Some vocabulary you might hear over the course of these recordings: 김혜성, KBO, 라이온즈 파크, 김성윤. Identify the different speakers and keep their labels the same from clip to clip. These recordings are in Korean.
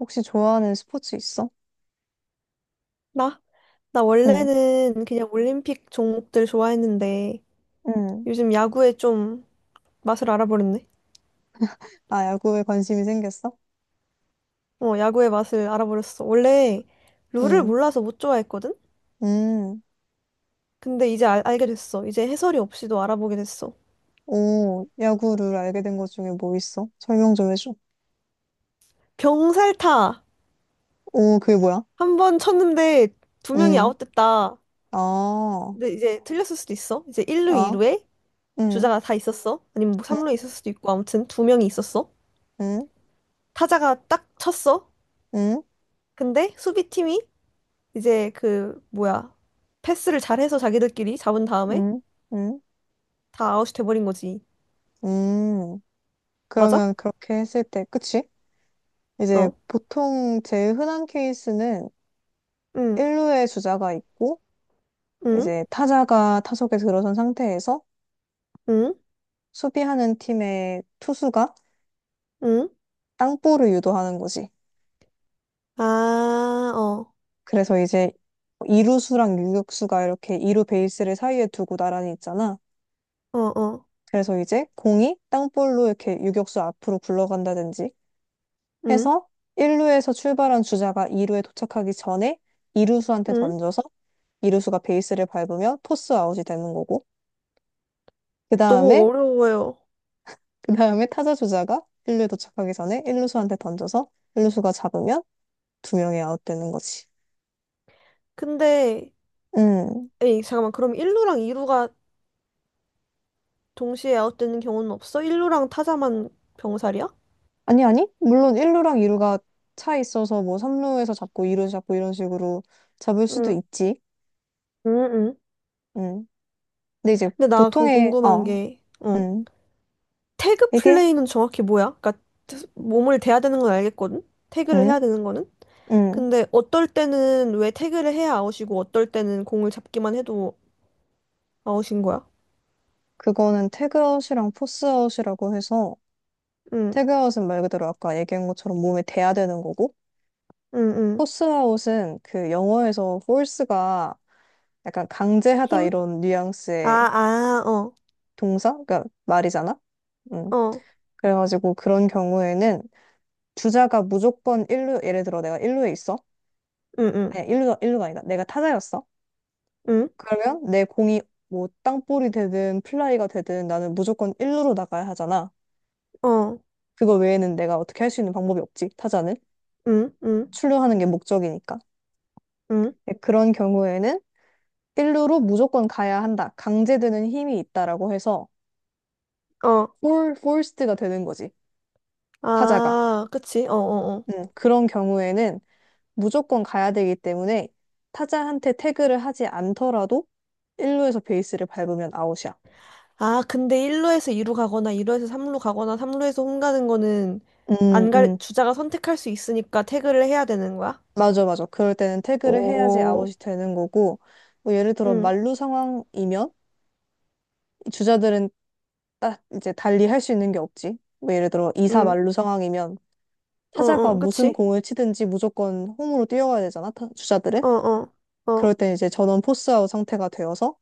Speaker 1: 혹시 좋아하는 스포츠 있어?
Speaker 2: 나? 나
Speaker 1: 응,
Speaker 2: 원래는 그냥 올림픽 종목들 좋아했는데
Speaker 1: 응.
Speaker 2: 요즘 야구에 좀 맛을 알아버렸네.
Speaker 1: 아, 야구에 관심이 생겼어?
Speaker 2: 어, 야구의 맛을 알아버렸어. 원래 룰을
Speaker 1: 응,
Speaker 2: 몰라서 못 좋아했거든?
Speaker 1: 응.
Speaker 2: 근데 이제 알게 됐어. 이제 해설이 없이도 알아보게 됐어.
Speaker 1: 오, 야구를 알게 된 것 중에 뭐 있어? 설명 좀 해줘.
Speaker 2: 병살타!
Speaker 1: 오, 그게 뭐야?
Speaker 2: 한 번 쳤는데 두 명이
Speaker 1: 응,
Speaker 2: 아웃됐다.
Speaker 1: 아,
Speaker 2: 근데 이제 틀렸을 수도 있어. 이제 1루,
Speaker 1: 아,
Speaker 2: 2루에
Speaker 1: 응,
Speaker 2: 주자가 다 있었어. 아니면 뭐
Speaker 1: 응,
Speaker 2: 3루에 있을 수도 있고 아무튼 두 명이 있었어.
Speaker 1: 응,
Speaker 2: 타자가 딱 쳤어.
Speaker 1: 응,
Speaker 2: 근데 수비팀이 이제 그 뭐야 패스를 잘해서 자기들끼리 잡은 다음에
Speaker 1: 응, 응,
Speaker 2: 다 아웃이 돼버린 거지.
Speaker 1: 응.
Speaker 2: 맞아?
Speaker 1: 그러면 그렇게 했을 때, 그치? 이제
Speaker 2: 어.
Speaker 1: 보통 제일 흔한 케이스는
Speaker 2: 응.
Speaker 1: 1루에 주자가 있고,
Speaker 2: 응.
Speaker 1: 이제 타자가 타석에 들어선 상태에서
Speaker 2: 응.
Speaker 1: 수비하는 팀의 투수가
Speaker 2: 응.
Speaker 1: 땅볼을 유도하는 거지.
Speaker 2: 아, 어.
Speaker 1: 그래서 이제 이루수랑 유격수가 이렇게 이루 베이스를 사이에 두고 나란히 있잖아.
Speaker 2: 어, 어.
Speaker 1: 그래서 이제 공이 땅볼로 이렇게 유격수 앞으로 굴러간다든지
Speaker 2: 응.
Speaker 1: 해서 1루에서 출발한 주자가 2루에 도착하기 전에 이루수한테
Speaker 2: 응.
Speaker 1: 던져서 이루수가 베이스를 밟으면 토스 아웃이 되는 거고 그
Speaker 2: 너무
Speaker 1: 다음에
Speaker 2: 어려워요.
Speaker 1: 그 다음에 타자 주자가 1루에 도착하기 전에 1루수한테 던져서 1루수가 잡으면 두 명이 아웃 되는 거지.
Speaker 2: 근데
Speaker 1: 음.
Speaker 2: 에이 잠깐만 그럼 1루랑 2루가 동시에 아웃되는 경우는 없어? 1루랑 타자만 병살이야?
Speaker 1: 아니, 아니. 물론 1루랑 2루가 차 있어서 뭐 3루에서 잡고 2루 잡고 이런 식으로 잡을 수도
Speaker 2: 응.
Speaker 1: 있지.
Speaker 2: 응. 응.
Speaker 1: 음. 근데 이제
Speaker 2: 근데 나 그럼
Speaker 1: 보통의,
Speaker 2: 궁금한
Speaker 1: 어,
Speaker 2: 게 어.
Speaker 1: 음.
Speaker 2: 태그
Speaker 1: 이게,
Speaker 2: 플레이는 정확히 뭐야? 그러니까 몸을 대야 되는 건 알겠거든? 태그를
Speaker 1: 음,
Speaker 2: 해야 되는 거는?
Speaker 1: 음.
Speaker 2: 근데 어떨 때는 왜 태그를 해야 아웃이고 어떨 때는 공을 잡기만 해도 아웃인 거야?
Speaker 1: 그거는 태그아웃이랑 포스아웃이라고 해서
Speaker 2: 응,
Speaker 1: 태그아웃은 말 그대로 아까 얘기한 것처럼 몸에 대야 되는 거고
Speaker 2: 응, 응.
Speaker 1: 포스아웃은 그 영어에서 force가 약간 강제하다
Speaker 2: 힘?
Speaker 1: 이런
Speaker 2: 아,
Speaker 1: 뉘앙스의
Speaker 2: 아, 어,
Speaker 1: 동사? 그러니까 말이잖아. 음.
Speaker 2: 어,
Speaker 1: 그래가지고 그런 경우에는 주자가 무조건 일루 예를 들어 내가 일루에 있어.
Speaker 2: 응, 응,
Speaker 1: 아니, 일루가 아니다. 내가 타자였어.
Speaker 2: 응,
Speaker 1: 그러면 내 공이 뭐 땅볼이 되든 플라이가 되든 나는 무조건 일루로 나가야 하잖아.
Speaker 2: 어,
Speaker 1: 그거 외에는 내가 어떻게 할 수 있는 방법이 없지. 타자는
Speaker 2: 응, 응,
Speaker 1: 출루하는 게 목적이니까.
Speaker 2: 응,
Speaker 1: 네, 그런 경우에는 일루로 무조건 가야 한다. 강제되는 힘이 있다라고 해서
Speaker 2: 어.
Speaker 1: 폴 포스트가 되는 거지. 타자가.
Speaker 2: 아, 그치? 어, 어, 어.
Speaker 1: 그런 경우에는 무조건 가야 되기 때문에 타자한테 태그를 하지 않더라도 1루에서 베이스를 밟으면 아웃이야.
Speaker 2: 아, 근데 1루에서 2루 가거나 2루에서 3루 가거나 3루에서 홈 가는 거는
Speaker 1: 음,
Speaker 2: 안 갈,
Speaker 1: 음.
Speaker 2: 주자가 선택할 수 있으니까 태그를 해야 되는 거야?
Speaker 1: 맞아, 맞아. 그럴 때는 태그를 해야지
Speaker 2: 오,
Speaker 1: 아웃이 되는 거고, 뭐 예를 들어
Speaker 2: 응,
Speaker 1: 만루 상황이면 이 주자들은 딱 이제 달리 할 수 있는 게 없지. 뭐 예를 들어 2사
Speaker 2: 응,
Speaker 1: 만루 상황이면
Speaker 2: 어,
Speaker 1: 타자가
Speaker 2: 어,
Speaker 1: 무슨
Speaker 2: 그치?
Speaker 1: 공을 치든지 무조건 홈으로 뛰어가야 되잖아,
Speaker 2: 어,
Speaker 1: 주자들은.
Speaker 2: 어.
Speaker 1: 그럴
Speaker 2: 어.
Speaker 1: 때 이제 전원 포스아웃 상태가 되어서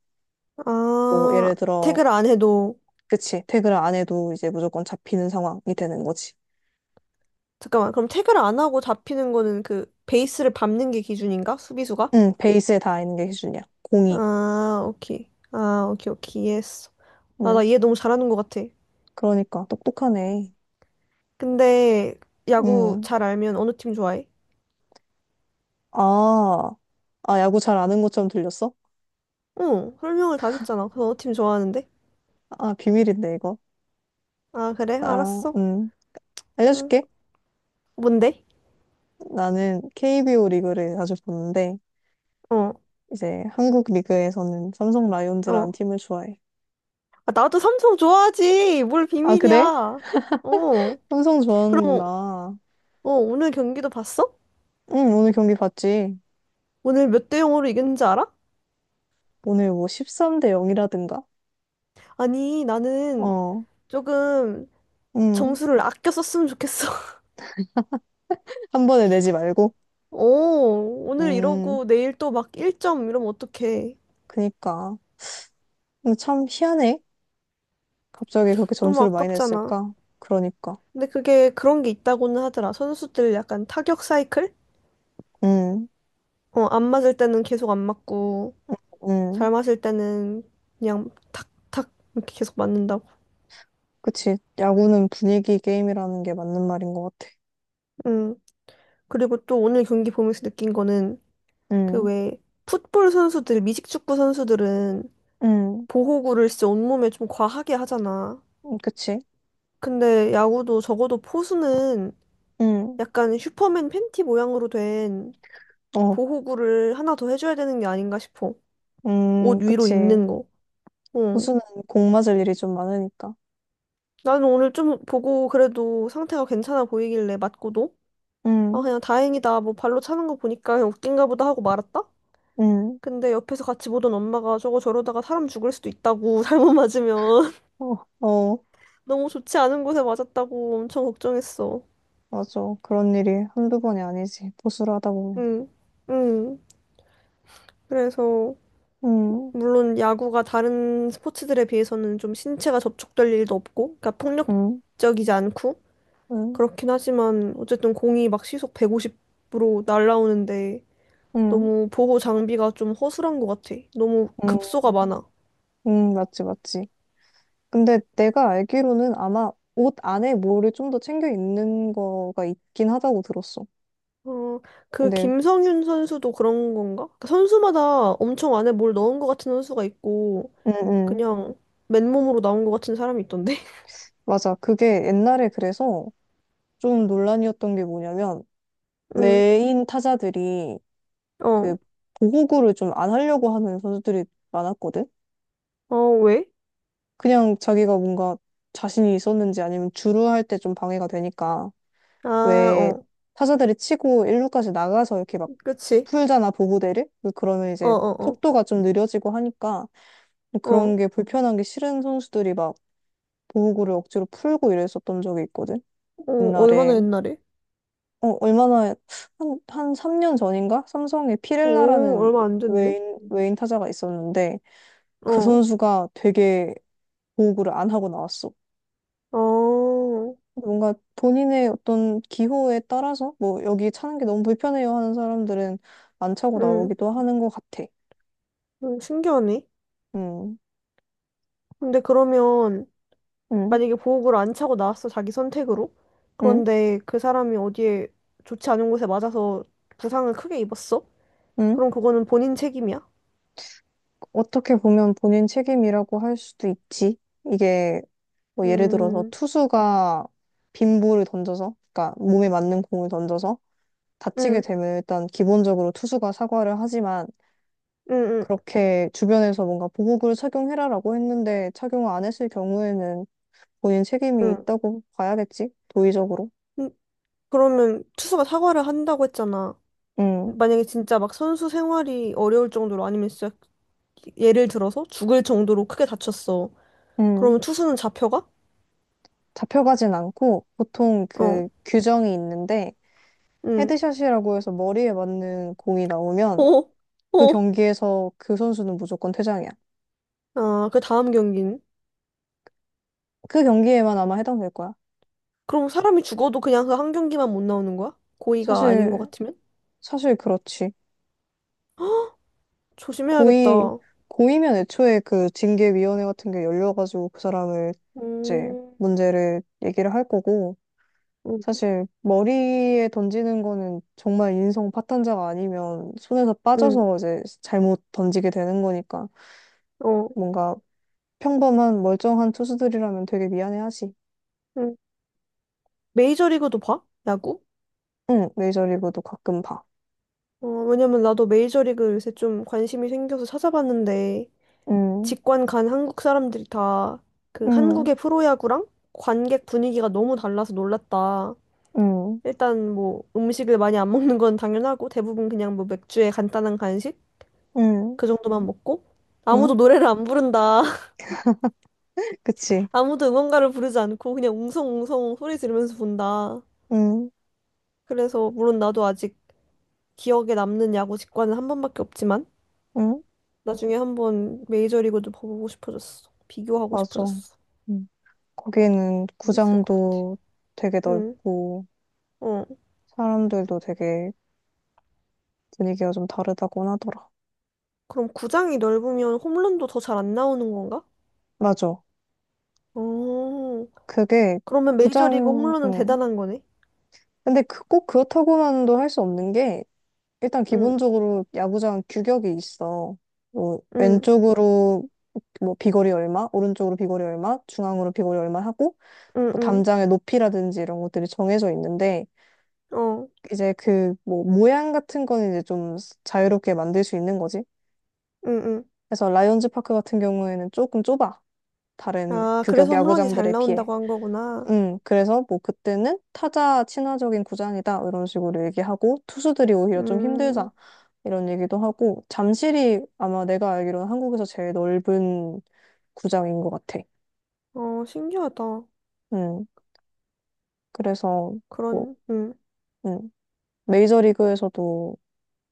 Speaker 1: 뭐
Speaker 2: 아,
Speaker 1: 예를 들어
Speaker 2: 태그를 안 해도.
Speaker 1: 그치 태그를 안 해도 이제 무조건 잡히는 상황이 되는 거지.
Speaker 2: 잠깐만, 그럼 태그를 안 하고 잡히는 거는 그 베이스를 밟는 게 기준인가? 수비수가?
Speaker 1: 응, 베이스에 다 있는 게 기준이야. 공이.
Speaker 2: 아, 오케이. 아, 오케이, 오케이. 이해했어. 아, 나
Speaker 1: 응,
Speaker 2: 이해 너무 잘하는 것 같아.
Speaker 1: 그러니까 똑똑하네.
Speaker 2: 근데 야구
Speaker 1: 응.
Speaker 2: 잘 알면 어느 팀 좋아해?
Speaker 1: 아, 아, 야구 잘 아는 것처럼 들렸어?
Speaker 2: 응, 설명을 다 줬잖아. 그래서 어느 팀 좋아하는데?
Speaker 1: 아, 비밀인데 이거.
Speaker 2: 아, 그래?
Speaker 1: 아,
Speaker 2: 알았어. 응.
Speaker 1: 알려줄게.
Speaker 2: 뭔데?
Speaker 1: 나는 KBO 리그를 자주 보는데
Speaker 2: 어,
Speaker 1: 이제 한국 리그에서는 삼성 라이온즈라는
Speaker 2: 어.
Speaker 1: 팀을 좋아해.
Speaker 2: 아, 나도 삼성 좋아하지. 뭘
Speaker 1: 아,
Speaker 2: 비밀이야.
Speaker 1: 그래?
Speaker 2: 어.
Speaker 1: 삼성
Speaker 2: 그럼,
Speaker 1: 좋아하는구나.
Speaker 2: 어, 오늘 경기도 봤어?
Speaker 1: 응, 오늘 경기 봤지.
Speaker 2: 오늘 몇 대 0으로 이겼는지 알아?
Speaker 1: 오늘 뭐 13대 0이라든가?
Speaker 2: 아니, 나는
Speaker 1: 어,
Speaker 2: 조금
Speaker 1: 응.
Speaker 2: 점수를 아껴 썼으면 좋겠어.
Speaker 1: 한 번에 내지 말고.
Speaker 2: 오, 오늘
Speaker 1: 음,
Speaker 2: 이러고 내일 또 막 1점 이러면 어떡해.
Speaker 1: 그니까. 근데 참 희한해. 갑자기 그렇게
Speaker 2: 너무
Speaker 1: 점수를 많이
Speaker 2: 아깝잖아.
Speaker 1: 냈을까? 그러니까.
Speaker 2: 근데 그게 그런 게 있다고는 하더라. 선수들 약간 타격 사이클?
Speaker 1: 음,
Speaker 2: 어, 안 맞을 때는 계속 안 맞고,
Speaker 1: 음.
Speaker 2: 잘 맞을 때는 그냥 탁, 탁, 이렇게 계속 맞는다고.
Speaker 1: 그치. 야구는 분위기 게임이라는 게 맞는 말인 것 같아.
Speaker 2: 응. 그리고 또 오늘 경기 보면서 느낀 거는 그
Speaker 1: 음,
Speaker 2: 왜 풋볼 선수들, 미식축구 선수들은
Speaker 1: 음,
Speaker 2: 보호구를 진짜 온몸에 좀 과하게 하잖아.
Speaker 1: 그치.
Speaker 2: 근데 야구도 적어도 포수는
Speaker 1: 음,
Speaker 2: 약간 슈퍼맨 팬티 모양으로 된
Speaker 1: 어,
Speaker 2: 보호구를 하나 더 해줘야 되는 게 아닌가 싶어. 옷 위로
Speaker 1: 그치.
Speaker 2: 입는 거. 어.
Speaker 1: 고수는 공 맞을 일이 좀 많으니까.
Speaker 2: 나는 오늘 좀 보고 그래도 상태가 괜찮아 보이길래 맞고도 아
Speaker 1: 음,
Speaker 2: 그냥 다행이다 뭐 발로 차는 거 보니까 그냥 웃긴가 보다 하고 말았다.
Speaker 1: 음,
Speaker 2: 근데 옆에서 같이 보던 엄마가 저거 저러다가 사람 죽을 수도 있다고 잘못 맞으면
Speaker 1: 어, 어,
Speaker 2: 너무 좋지 않은 곳에 맞았다고 엄청 걱정했어.
Speaker 1: 맞아. 그런 일이 한두 번이 아니지. 보수를 하다 보면.
Speaker 2: 응, 응. 그래서
Speaker 1: 음,
Speaker 2: 물론 야구가 다른 스포츠들에 비해서는 좀 신체가 접촉될 일도 없고, 그러니까
Speaker 1: 음,
Speaker 2: 폭력적이지 않고
Speaker 1: 음,
Speaker 2: 그렇긴 하지만 어쨌든 공이 막 시속 150으로 날아오는데
Speaker 1: 음,
Speaker 2: 너무 보호 장비가 좀 허술한 것 같아. 너무
Speaker 1: 음,
Speaker 2: 급소가 많아.
Speaker 1: 맞지, 맞지. 근데 내가 알기로는 아마 옷 안에 뭐를 좀 더 챙겨 입는 거가 있긴 하다고 들었어.
Speaker 2: 어, 그
Speaker 1: 근데,
Speaker 2: 김성윤 선수도 그런 건가? 그러니까 선수마다 엄청 안에 뭘 넣은 것 같은 선수가 있고
Speaker 1: 음, 음,
Speaker 2: 그냥 맨몸으로 나온 것 같은 사람이 있던데.
Speaker 1: 맞아. 그게 옛날에 그래서 좀 논란이었던 게 뭐냐면,
Speaker 2: 응,
Speaker 1: 메인 타자들이 그
Speaker 2: 어,
Speaker 1: 보호구를 좀 안 하려고 하는 선수들이 많았거든?
Speaker 2: 어, 왜?
Speaker 1: 그냥 자기가 뭔가 자신이 있었는지 아니면 주루할 때 좀 방해가 되니까,
Speaker 2: 아,
Speaker 1: 왜
Speaker 2: 어,
Speaker 1: 타자들이 치고 일루까지 나가서 이렇게 막
Speaker 2: 그치.
Speaker 1: 풀잖아, 보호대를? 그러면
Speaker 2: 어,
Speaker 1: 이제
Speaker 2: 어, 어,
Speaker 1: 속도가 좀 느려지고 하니까, 뭐 그런
Speaker 2: 어.
Speaker 1: 게 불편한 게 싫은 선수들이 막 보호구를 억지로 풀고 이랬었던 적이 있거든.
Speaker 2: 어, 얼마나
Speaker 1: 옛날에
Speaker 2: 옛날에?
Speaker 1: 어, 얼마나 한, 한 3년 전인가? 삼성에
Speaker 2: 어,
Speaker 1: 피렐라라는
Speaker 2: 얼마 안 됐네.
Speaker 1: 외인 타자가 있었는데 그
Speaker 2: 어,
Speaker 1: 선수가 되게 보호구를 안 하고 나왔어.
Speaker 2: 어,
Speaker 1: 뭔가 본인의 어떤 기호에 따라서 뭐 여기 차는 게 너무 불편해요 하는 사람들은 안 차고
Speaker 2: 응,
Speaker 1: 나오기도 하는 것 같아.
Speaker 2: 응, 신기하네.
Speaker 1: 음,
Speaker 2: 근데 그러면,
Speaker 1: 음,
Speaker 2: 만약에 보호구를 안 차고 나왔어, 자기 선택으로?
Speaker 1: 음,
Speaker 2: 그런데 그 사람이 어디에 좋지 않은 곳에 맞아서 부상을 크게 입었어?
Speaker 1: 음.
Speaker 2: 그럼 그거는 본인 책임이야?
Speaker 1: 어떻게 보면 본인 책임이라고 할 수도 있지. 이게 뭐 예를 들어서
Speaker 2: 음,
Speaker 1: 투수가 빈 볼을 던져서, 그러니까 몸에 맞는 공을 던져서 다치게
Speaker 2: 응,
Speaker 1: 되면 일단 기본적으로 투수가 사과를 하지만
Speaker 2: 응, 응,
Speaker 1: 그렇게 주변에서 뭔가 보복을 착용해라라고 했는데 착용을 안 했을 경우에는 본인 책임이
Speaker 2: 응.
Speaker 1: 있다고 봐야겠지? 도의적으로.
Speaker 2: 음, 그러면 투수가 사과를 한다고 했잖아.
Speaker 1: 음,
Speaker 2: 만약에 진짜 막 선수 생활이 어려울 정도로 아니면 진짜 예를 들어서 죽을 정도로 크게 다쳤어.
Speaker 1: 음.
Speaker 2: 그러면 투수는 잡혀가?
Speaker 1: 잡혀가진 않고 보통
Speaker 2: 어,
Speaker 1: 그 규정이 있는데
Speaker 2: 응.
Speaker 1: 헤드샷이라고 해서 머리에 맞는 공이 나오면
Speaker 2: 어,
Speaker 1: 그
Speaker 2: 어.
Speaker 1: 경기에서 그 선수는 무조건 퇴장이야.
Speaker 2: 아, 그 다음 경기는?
Speaker 1: 그 경기에만 아마 해당될 거야.
Speaker 2: 그럼 사람이 죽어도 그냥 그 한 경기만 못 나오는 거야? 고의가 아닌 것
Speaker 1: 사실
Speaker 2: 같으면?
Speaker 1: 사실 그렇지. 고의,
Speaker 2: 조심해야겠다.
Speaker 1: 고의면 애초에 그 징계위원회 같은 게 열려가지고 그 사람을 이제
Speaker 2: 음,
Speaker 1: 문제를 얘기를 할 거고,
Speaker 2: 응,
Speaker 1: 사실 머리에 던지는 거는 정말 인성 파탄자가 아니면 손에서
Speaker 2: 응,
Speaker 1: 빠져서 이제 잘못 던지게 되는 거니까
Speaker 2: 어,
Speaker 1: 뭔가 평범한 멀쩡한 투수들이라면 되게 미안해하지.
Speaker 2: 응. 메이저리그도 봐? 야구?
Speaker 1: 응, 메이저리그도 가끔 봐.
Speaker 2: 어, 왜냐면 나도 메이저리그 요새 좀 관심이 생겨서 찾아봤는데,
Speaker 1: 응,
Speaker 2: 직관 간 한국 사람들이 다 그
Speaker 1: 응,
Speaker 2: 한국의 프로야구랑 관객 분위기가 너무 달라서 놀랐다.
Speaker 1: 응,
Speaker 2: 일단 뭐 음식을 많이 안 먹는 건 당연하고 대부분 그냥 뭐 맥주에 간단한 간식
Speaker 1: 응,
Speaker 2: 그 정도만 먹고 아무도
Speaker 1: 응,
Speaker 2: 노래를 안 부른다.
Speaker 1: 그치.
Speaker 2: 아무도 응원가를 부르지 않고 그냥 웅성웅성 소리 지르면서 본다.
Speaker 1: 응,
Speaker 2: 그래서 물론 나도 아직 기억에 남는 야구 직관은 한 번밖에 없지만
Speaker 1: 응,
Speaker 2: 나중에 한 번 메이저리그도 보고 싶어졌어. 비교하고
Speaker 1: 맞아.
Speaker 2: 싶어졌어.
Speaker 1: 응. 거기는
Speaker 2: 재밌을 것 같아.
Speaker 1: 구장도 되게
Speaker 2: 응.
Speaker 1: 넓고
Speaker 2: 어.
Speaker 1: 사람들도 되게 분위기가 좀 다르다고 하더라.
Speaker 2: 그럼 구장이 넓으면 홈런도 더 잘 안 나오는 건가?
Speaker 1: 맞아.
Speaker 2: 어.
Speaker 1: 그게
Speaker 2: 그러면 메이저리그
Speaker 1: 구장,
Speaker 2: 홈런은 대단한 거네.
Speaker 1: 근데 그, 꼭 그렇다고만도 할 수 없는 게 일단
Speaker 2: 응.
Speaker 1: 기본적으로 야구장 규격이 있어. 뭐
Speaker 2: 응.
Speaker 1: 왼쪽으로 뭐 비거리 얼마, 오른쪽으로 비거리 얼마, 중앙으로 비거리 얼마 하고 뭐
Speaker 2: 응응.
Speaker 1: 담장의 높이라든지 이런 것들이 정해져 있는데
Speaker 2: 어.
Speaker 1: 이제 그 뭐 모양 같은 건 이제 좀 자유롭게 만들 수 있는 거지.
Speaker 2: 응응.
Speaker 1: 그래서 라이온즈 파크 같은 경우에는 조금 좁아. 다른
Speaker 2: 아,
Speaker 1: 규격
Speaker 2: 그래서 홈런이 잘
Speaker 1: 야구장들에 비해.
Speaker 2: 나온다고 한 거구나.
Speaker 1: 그래서 뭐 그때는 타자 친화적인 구장이다. 이런 식으로 얘기하고, 투수들이 오히려 좀
Speaker 2: 음.
Speaker 1: 힘들다. 이런 얘기도 하고, 잠실이 아마 내가 알기로는 한국에서 제일 넓은 구장인 것 같아.
Speaker 2: 어, 신기하다.
Speaker 1: 음, 그래서 뭐,
Speaker 2: 그런 응.
Speaker 1: 음, 메이저리그에서도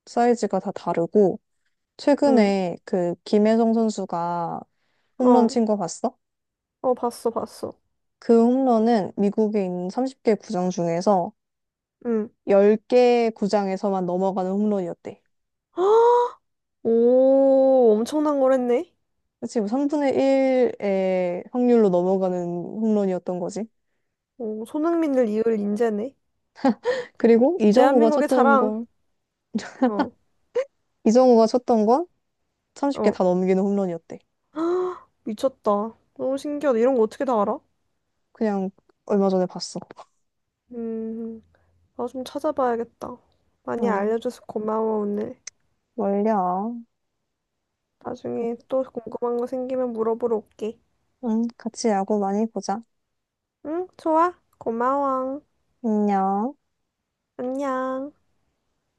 Speaker 1: 사이즈가 다 다르고,
Speaker 2: 응.
Speaker 1: 최근에 그 김혜성 선수가 홈런
Speaker 2: 어.
Speaker 1: 친 거 봤어?
Speaker 2: 어, 봤어, 봤어.
Speaker 1: 그 홈런은 미국에 있는 30개 구장 중에서
Speaker 2: 응.
Speaker 1: 10개 구장에서만 넘어가는 홈런이었대.
Speaker 2: 오, 엄청난 걸 했네.
Speaker 1: 그치, 뭐 3분의 1의 확률로 넘어가는 홈런이었던 거지.
Speaker 2: 오, 손흥민을 이을 인재네.
Speaker 1: 그리고 이정우가
Speaker 2: 대한민국의
Speaker 1: 쳤던
Speaker 2: 자랑.
Speaker 1: 건,
Speaker 2: 어.
Speaker 1: 이정우가 쳤던 건 30개
Speaker 2: 어.
Speaker 1: 다 넘기는 홈런이었대.
Speaker 2: 미쳤다. 너무 신기하다. 이런 거 어떻게 다 알아?
Speaker 1: 그냥 얼마 전에 봤어.
Speaker 2: 음. 나 좀 찾아봐야겠다. 많이
Speaker 1: 응,
Speaker 2: 알려줘서 고마워, 오늘.
Speaker 1: 멀려.
Speaker 2: 나중에 또 궁금한 거 생기면 물어보러 올게.
Speaker 1: 응, 같이 야구 많이 보자.
Speaker 2: 응, 좋아. 고마워.
Speaker 1: 안녕.
Speaker 2: 안녕.